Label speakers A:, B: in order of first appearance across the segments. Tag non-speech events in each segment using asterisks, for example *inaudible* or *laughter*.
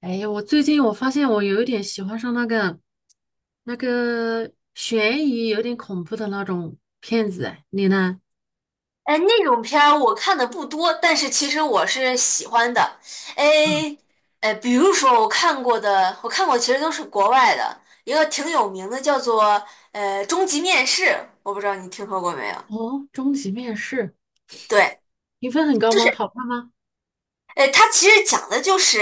A: 哎呀，我最近发现我有一点喜欢上那个悬疑、有点恐怖的那种片子，哎你呢？
B: 哎，那种片儿我看的不多，但是其实我是喜欢的。
A: 啊，
B: 哎，比如说我看过的，我看过其实都是国外的，一个挺有名的叫做《终极面试》，我不知道你听说过没有？
A: 哦，终极面试
B: 对，
A: 评分很高
B: 就
A: 吗？
B: 是
A: 好看吗？
B: 它其实讲的就是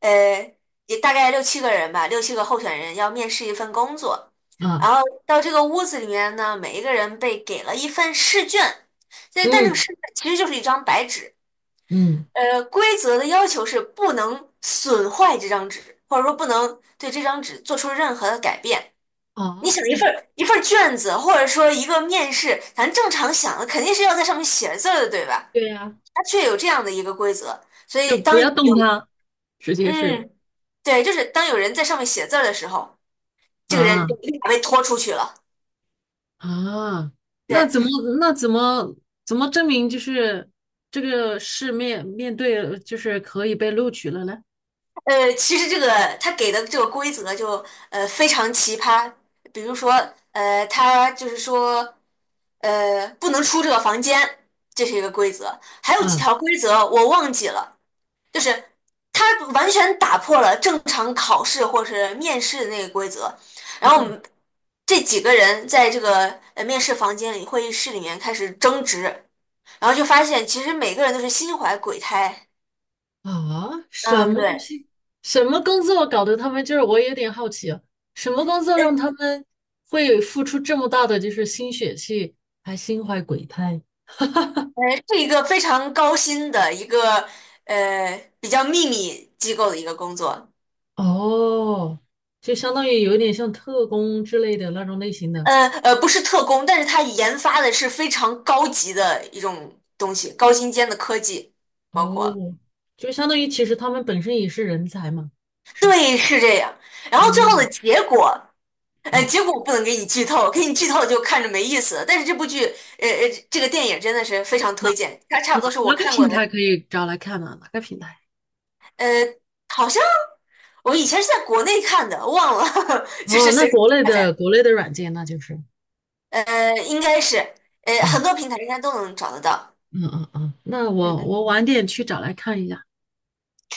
B: 呃，也大概六七个人吧，六七个候选人要面试一份工作，然
A: 啊，
B: 后到这个屋子里面呢，每一个人被给了一份试卷，但这个
A: 嗯
B: 试卷其实就是一张白纸。
A: 嗯，
B: 呃，规则的要求是不能损坏这张纸，或者说不能对这张纸做出任何的改变。你
A: 啊，
B: 想一份儿卷子，或者说一个面试，咱正常想的肯定是要在上面写字儿的，对吧？
A: 对呀，
B: 它却有这样的一个规则，所
A: 就
B: 以
A: 不
B: 当有
A: 要动它直接是
B: 嗯，对，就是当有人在上面写字儿的时候，这个人就
A: 啊
B: 立马被拖出去了。
A: 啊！那
B: 对，
A: 怎么那怎么怎么证明就是这个是面对就是可以被录取了呢？
B: 呃，其实这个他给的这个规则就非常奇葩，比如说他就是说不能出这个房间，这是一个规则，还有几
A: 嗯
B: 条规则我忘记了，就是他完全打破了正常考试或是面试的那个规则，然后我
A: 嗯，
B: 们这几个人在这个面试房间里会议室里面开始争执，然后就发现其实每个人都是心怀鬼胎，
A: 啊，什
B: 嗯，
A: 么东
B: 对。
A: 西？什么工作搞得他们就是我有点好奇啊，什么工作
B: 呃
A: 让他们会付出这么大的就是心血去，还心怀鬼胎？
B: 是一个非常高薪的一个比较秘密机构的一个工作，
A: 哦，就相当于有一点像特工之类的那种类型的。
B: 不是特工，但是它研发的是非常高级的一种东西，高精尖的科技，包括
A: 哦，就相当于其实他们本身也是人才嘛，是吧？
B: 对，是这样。然后最后
A: 嗯
B: 的结果，呃，
A: 啊，
B: 结果我不能给你剧透，给你剧透就看着没意思了但是这部剧，这个电影真的是非常推
A: 哪
B: 荐，它差不
A: 哪
B: 多是我
A: 哪个
B: 看过
A: 平
B: 的，
A: 台可以找来看呢、哪个平台？
B: 呃，好像我以前是在国内看的，忘了，*laughs* 就
A: 哦，
B: 是
A: 那
B: 随便
A: 国内
B: 下
A: 的
B: 载。
A: 国内的软件那就是。
B: 呃，应该是，呃，
A: 啊。
B: 很多平台应该都能找得到。
A: 嗯嗯嗯，那
B: 嗯
A: 我
B: 嗯，
A: 我晚点去找来看一下。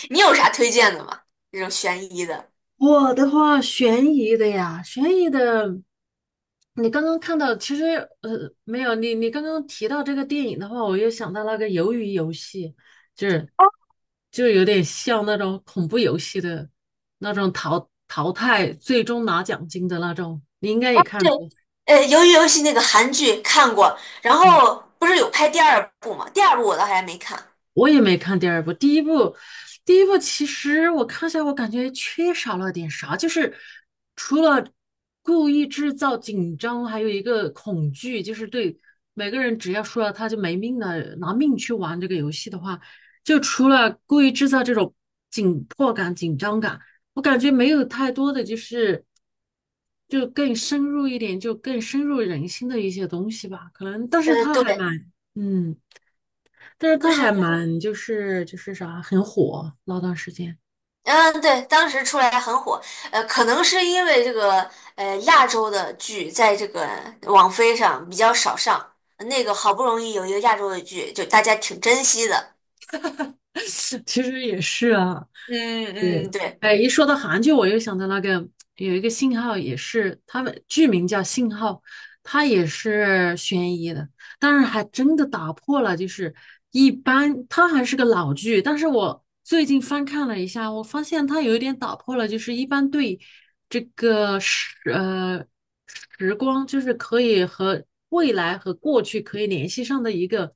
B: 你有啥推荐的吗？这种悬疑的。
A: 我的话，悬疑的呀，悬疑的，你刚刚看到，其实没有，你刚刚提到这个电影的话，我又想到那个《鱿鱼游戏》，就是
B: 哦，
A: 就有点像那种恐怖游戏的那种淘汰，最终拿奖金的那种，你应该也看
B: 对，
A: 过。
B: 呃，鱿鱼游戏那个韩剧看过，然
A: 对
B: 后不是有拍第二部吗？第二部我倒还没看。
A: 我也没看第二部，第一部，第一部其实我看下，我感觉缺少了点啥，就是除了故意制造紧张，还有一个恐惧，就是对每个人只要输了他就没命了，拿命去玩这个游戏的话，就除了故意制造这种紧迫感、紧张感，我感觉没有太多的就更深入一点，就更深入人心的一些东西吧，可能，但是
B: 呃，
A: 他
B: 对，
A: 还蛮，嗯。但是
B: 就
A: 他
B: 是，
A: 还蛮就是很火，那段时间
B: 嗯，对，当时出来很火，呃，可能是因为这个，呃，亚洲的剧在这个网飞上比较少上，那个好不容易有一个亚洲的剧，就大家挺珍惜的。
A: *laughs* 其实也是啊，
B: 嗯
A: 对，
B: 嗯，对。
A: 哎，一说到韩剧，我又想到那个有一个信号，也是他们剧名叫《信号》，它也是悬疑的，但是还真的打破了，就是一般它还是个老剧，但是我最近翻看了一下，我发现它有一点打破了，就是一般对这个时呃时光，就是可以和未来和过去可以联系上的一个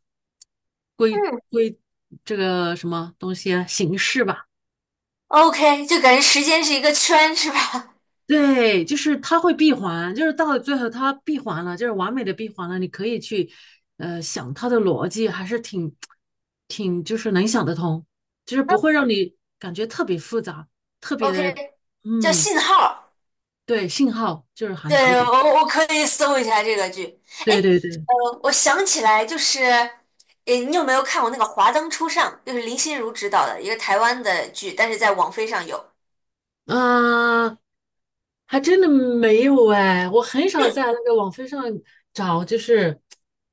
A: 规
B: 嗯。
A: 规这个什么东西啊形式吧。
B: OK,就感觉时间是一个圈，是吧
A: 对，就是它会闭环，就是到了最后它闭环了，就是完美的闭环了。你可以去，想它的逻辑，还是挺，挺就是能想得通，就是不会让你感觉特别复杂，特别
B: ？OK,
A: 的，
B: 叫
A: 嗯，
B: 信号。
A: 对，信号就是韩剧
B: 对，
A: 的，
B: 我可以搜一下这个剧。哎，
A: 对对对。
B: 呃，我想起来，就是，诶，你有没有看过那个《华灯初上》？就是林心如指导的一个台湾的剧，但是在网飞上有。
A: 啊，还真的没有哎，我很少在那个网飞上找，就是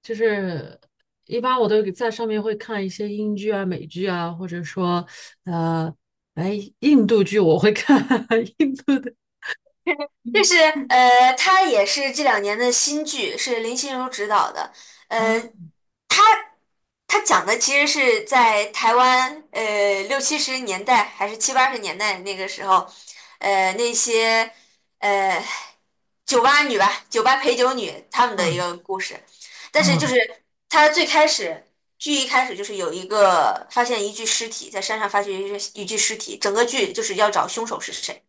A: 就是一般我都在上面会看一些英剧啊、美剧啊，或者说呃，哎，印度剧我会看 *laughs* 印度的
B: 就是呃，它也是这两年的新剧，是林心如指导的。呃，
A: 啊
B: 他讲的其实是在台湾，呃，六七十年代还是七八十年代那个时候，呃，那些呃酒吧女吧，酒吧陪酒女她们的一
A: 啊
B: 个故事。但是就
A: 啊
B: 是他最开始剧一开始就是有一个发现一具尸体在山上发现一具尸体，整个剧就是要找凶手是谁。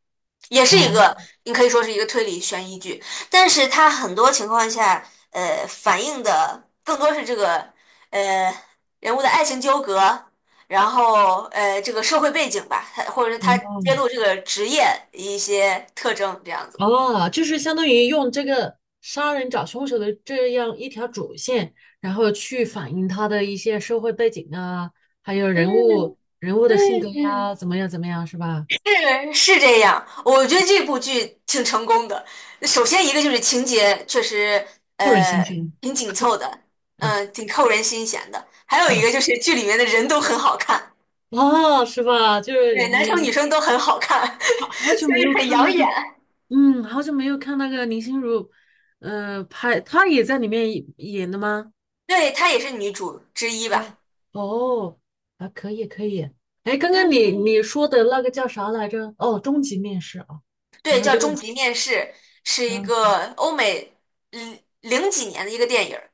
B: 也是一
A: 啊
B: 个，你可以说是一个推理悬疑剧，但是它很多情况下，呃，反映的更多是这个，呃，人物的爱情纠葛，然后呃，这个社会背景吧，它或者是他揭
A: 哦
B: 露这个职业一些特征，这样子。
A: 哦，就是相当于用这个杀人找凶手的这样一条主线，然后去反映他的一些社会背景啊，还有人
B: 嗯
A: 物人物的性格
B: 嗯嗯，
A: 呀，怎么样怎么样，是吧？
B: 是是这样，我觉得这部剧挺成功的。首先一个就是情节确实
A: 不忍心
B: 呃
A: 虚，
B: 挺紧凑的，
A: 嗯
B: 嗯、挺扣人心弦的。还有一个
A: 嗯，
B: 就是剧里面的人都很好看。
A: 哦，是吧？就是
B: 对，男
A: 你
B: 生女
A: 你
B: 生都很好看，*laughs*
A: 好久
B: 所
A: 没
B: 以
A: 有
B: 很
A: 看那
B: 养
A: 个，
B: 眼。
A: 嗯，好久没有看那个林心如，呃，拍她也在里面演的吗？
B: 对，她也是女主之一吧？
A: 哦哦，啊，可以可以。哎，刚刚你
B: 嗯，
A: 你说的那个叫啥来着？哦，终极面试啊。然
B: 对，
A: 后
B: 叫
A: 这个，
B: 《终极面试》，是一
A: 嗯，
B: 个欧美零零几年的一个电影儿，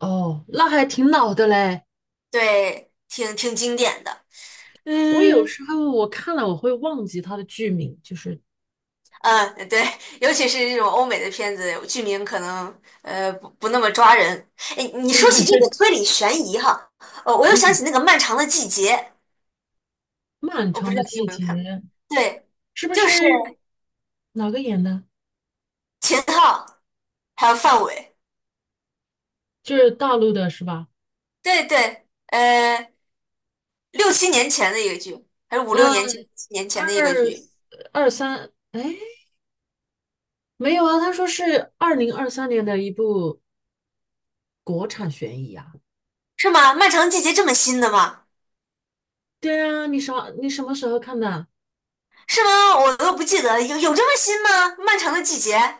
A: 哦，那还挺老的嘞。
B: 对，挺挺经典的。
A: 我有
B: 嗯
A: 时候我看了我会忘记它的剧名，就是
B: 嗯，对，尤其是这种欧美的片子，剧名可能不那么抓人。哎，你说起这个推理悬疑哈，呃，我又想起
A: 嗯，
B: 那个《漫长的季节》，
A: 《漫
B: 我不
A: 长
B: 知
A: 的
B: 道你
A: 季
B: 有没有
A: 节》
B: 看过？对，
A: 是不
B: 就
A: 是
B: 是
A: 哪个演的？
B: 秦昊还有范伟。
A: 就是大陆的是吧？
B: 对对，呃，六七年前的一个剧，还是五六年前、
A: 嗯，
B: 七年前的一个
A: 二
B: 剧，
A: 二三，哎，没有啊，他说是二零二三年的一部国产悬疑啊。
B: 是吗？漫长的季节这么新的吗？
A: 对啊，你啥？你什么时候看的？
B: 是吗？我都不记得，有这么新吗？漫长的季节，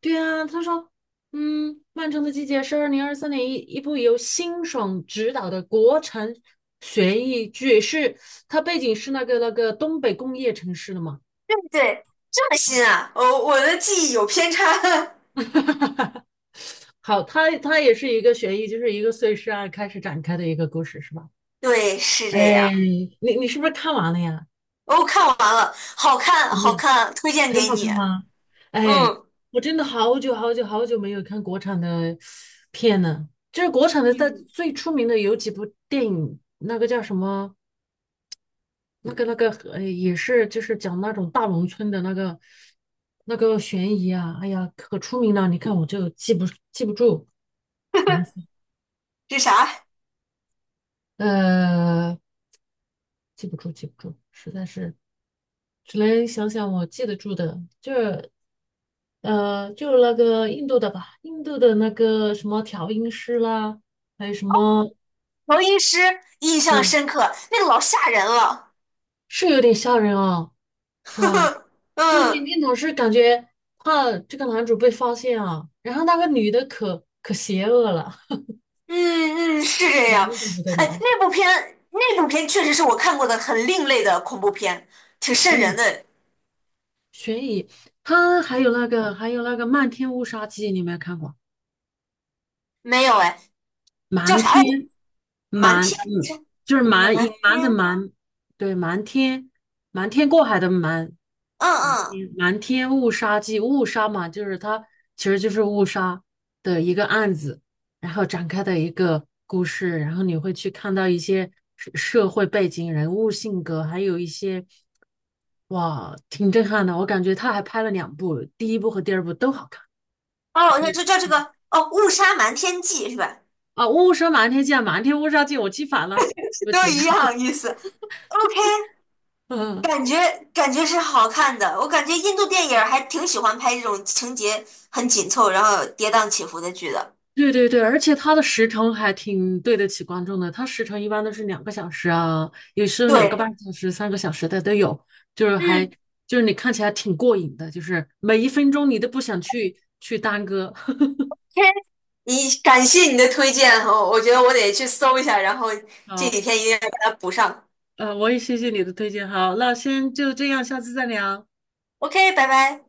A: 对啊，他说，嗯，漫长的季节是二零二三年一部由辛爽执导的国产悬疑剧，是它背景是那个东北工业城市的嘛？
B: 对对，这么新啊！哦，我的记忆有偏差。*laughs*
A: 好，它也是一个悬疑，就是一个碎尸案开始展开的一个故事，是吧？
B: 对，是这样。
A: 哎，你你是不是看完了呀？
B: 哦，看完了，好看，
A: 怎么
B: 好
A: 样？
B: 看，推荐
A: 很
B: 给
A: 好
B: 你。
A: 看吗？哎，
B: 嗯
A: 我真的好久好久好久没有看国产的片了。就是国产的，在
B: 嗯，
A: 最出名的有几部电影，那个叫什么？那个那个也是，就是讲那种大农村的那个悬疑啊，哎呀，可出名了。你看我就记不住，烦死了
B: 是啥？
A: 呃，记不住，记不住，实在是只能想想我记得住的，就是就是那个印度的吧，印度的那个什么调音师啦，还有什么，
B: 乔音师印象
A: 对，
B: 深刻，那个老吓人了。
A: 是有点吓人啊，是吧？
B: *laughs*
A: 就是你
B: 嗯。
A: 你总是感觉怕这个男主被发现啊，然后那个女的可邪恶了。
B: 嗯嗯，是这样。
A: 累的不得
B: 哎，
A: 了。
B: 那部片确实是我看过的很另类的恐怖片，挺瘆人
A: 嗯，
B: 的。
A: 悬疑，它还有那个《漫天乌纱记》，你有没有看过？
B: 没有哎，叫
A: 瞒
B: 啥来着？
A: 天，
B: 瞒
A: 瞒，
B: 天误
A: 嗯，
B: 杀，
A: 就是
B: 瞒
A: 瞒，隐瞒
B: 天，
A: 的瞒，对，瞒天，瞒天过海的瞒，
B: 嗯
A: 瞒
B: 嗯，
A: 天，瞒天误杀记，误杀嘛，就是它其实就是误杀的一个案子，然后展开的一个故事，然后你会去看到一些社会背景、人物性格，还有一些，哇，挺震撼的，我感觉他还拍了两部，第一部和第二部都好看，
B: 哦，
A: 可
B: 那
A: 以
B: 就
A: 去
B: 叫这
A: 看
B: 个哦，误杀瞒天记是吧？
A: 啊，《误杀瞒天记》啊，《瞒天误杀记》，我记反了。对不
B: 都
A: 起，
B: 一样意思。OK,
A: 嗯，
B: 感觉是好看的，我感觉印度电影儿还挺喜欢拍这种情节很紧凑，然后跌宕起伏的剧的。
A: 对对对，而且它的时长还挺对得起观众的，它时长一般都是2个小时啊，有时候两个
B: 对，
A: 半小时、3个小时的都有，就是还
B: 嗯，
A: 就是你看起来挺过瘾的，就是每一分钟你都不想去耽搁。*laughs*
B: 你感谢你的推荐哦，我觉得我得去搜一下，然后这
A: 好，
B: 几天一定要把它补上。
A: 呃，我也谢谢你的推荐，好，那先就这样，下次再聊。
B: OK,拜拜。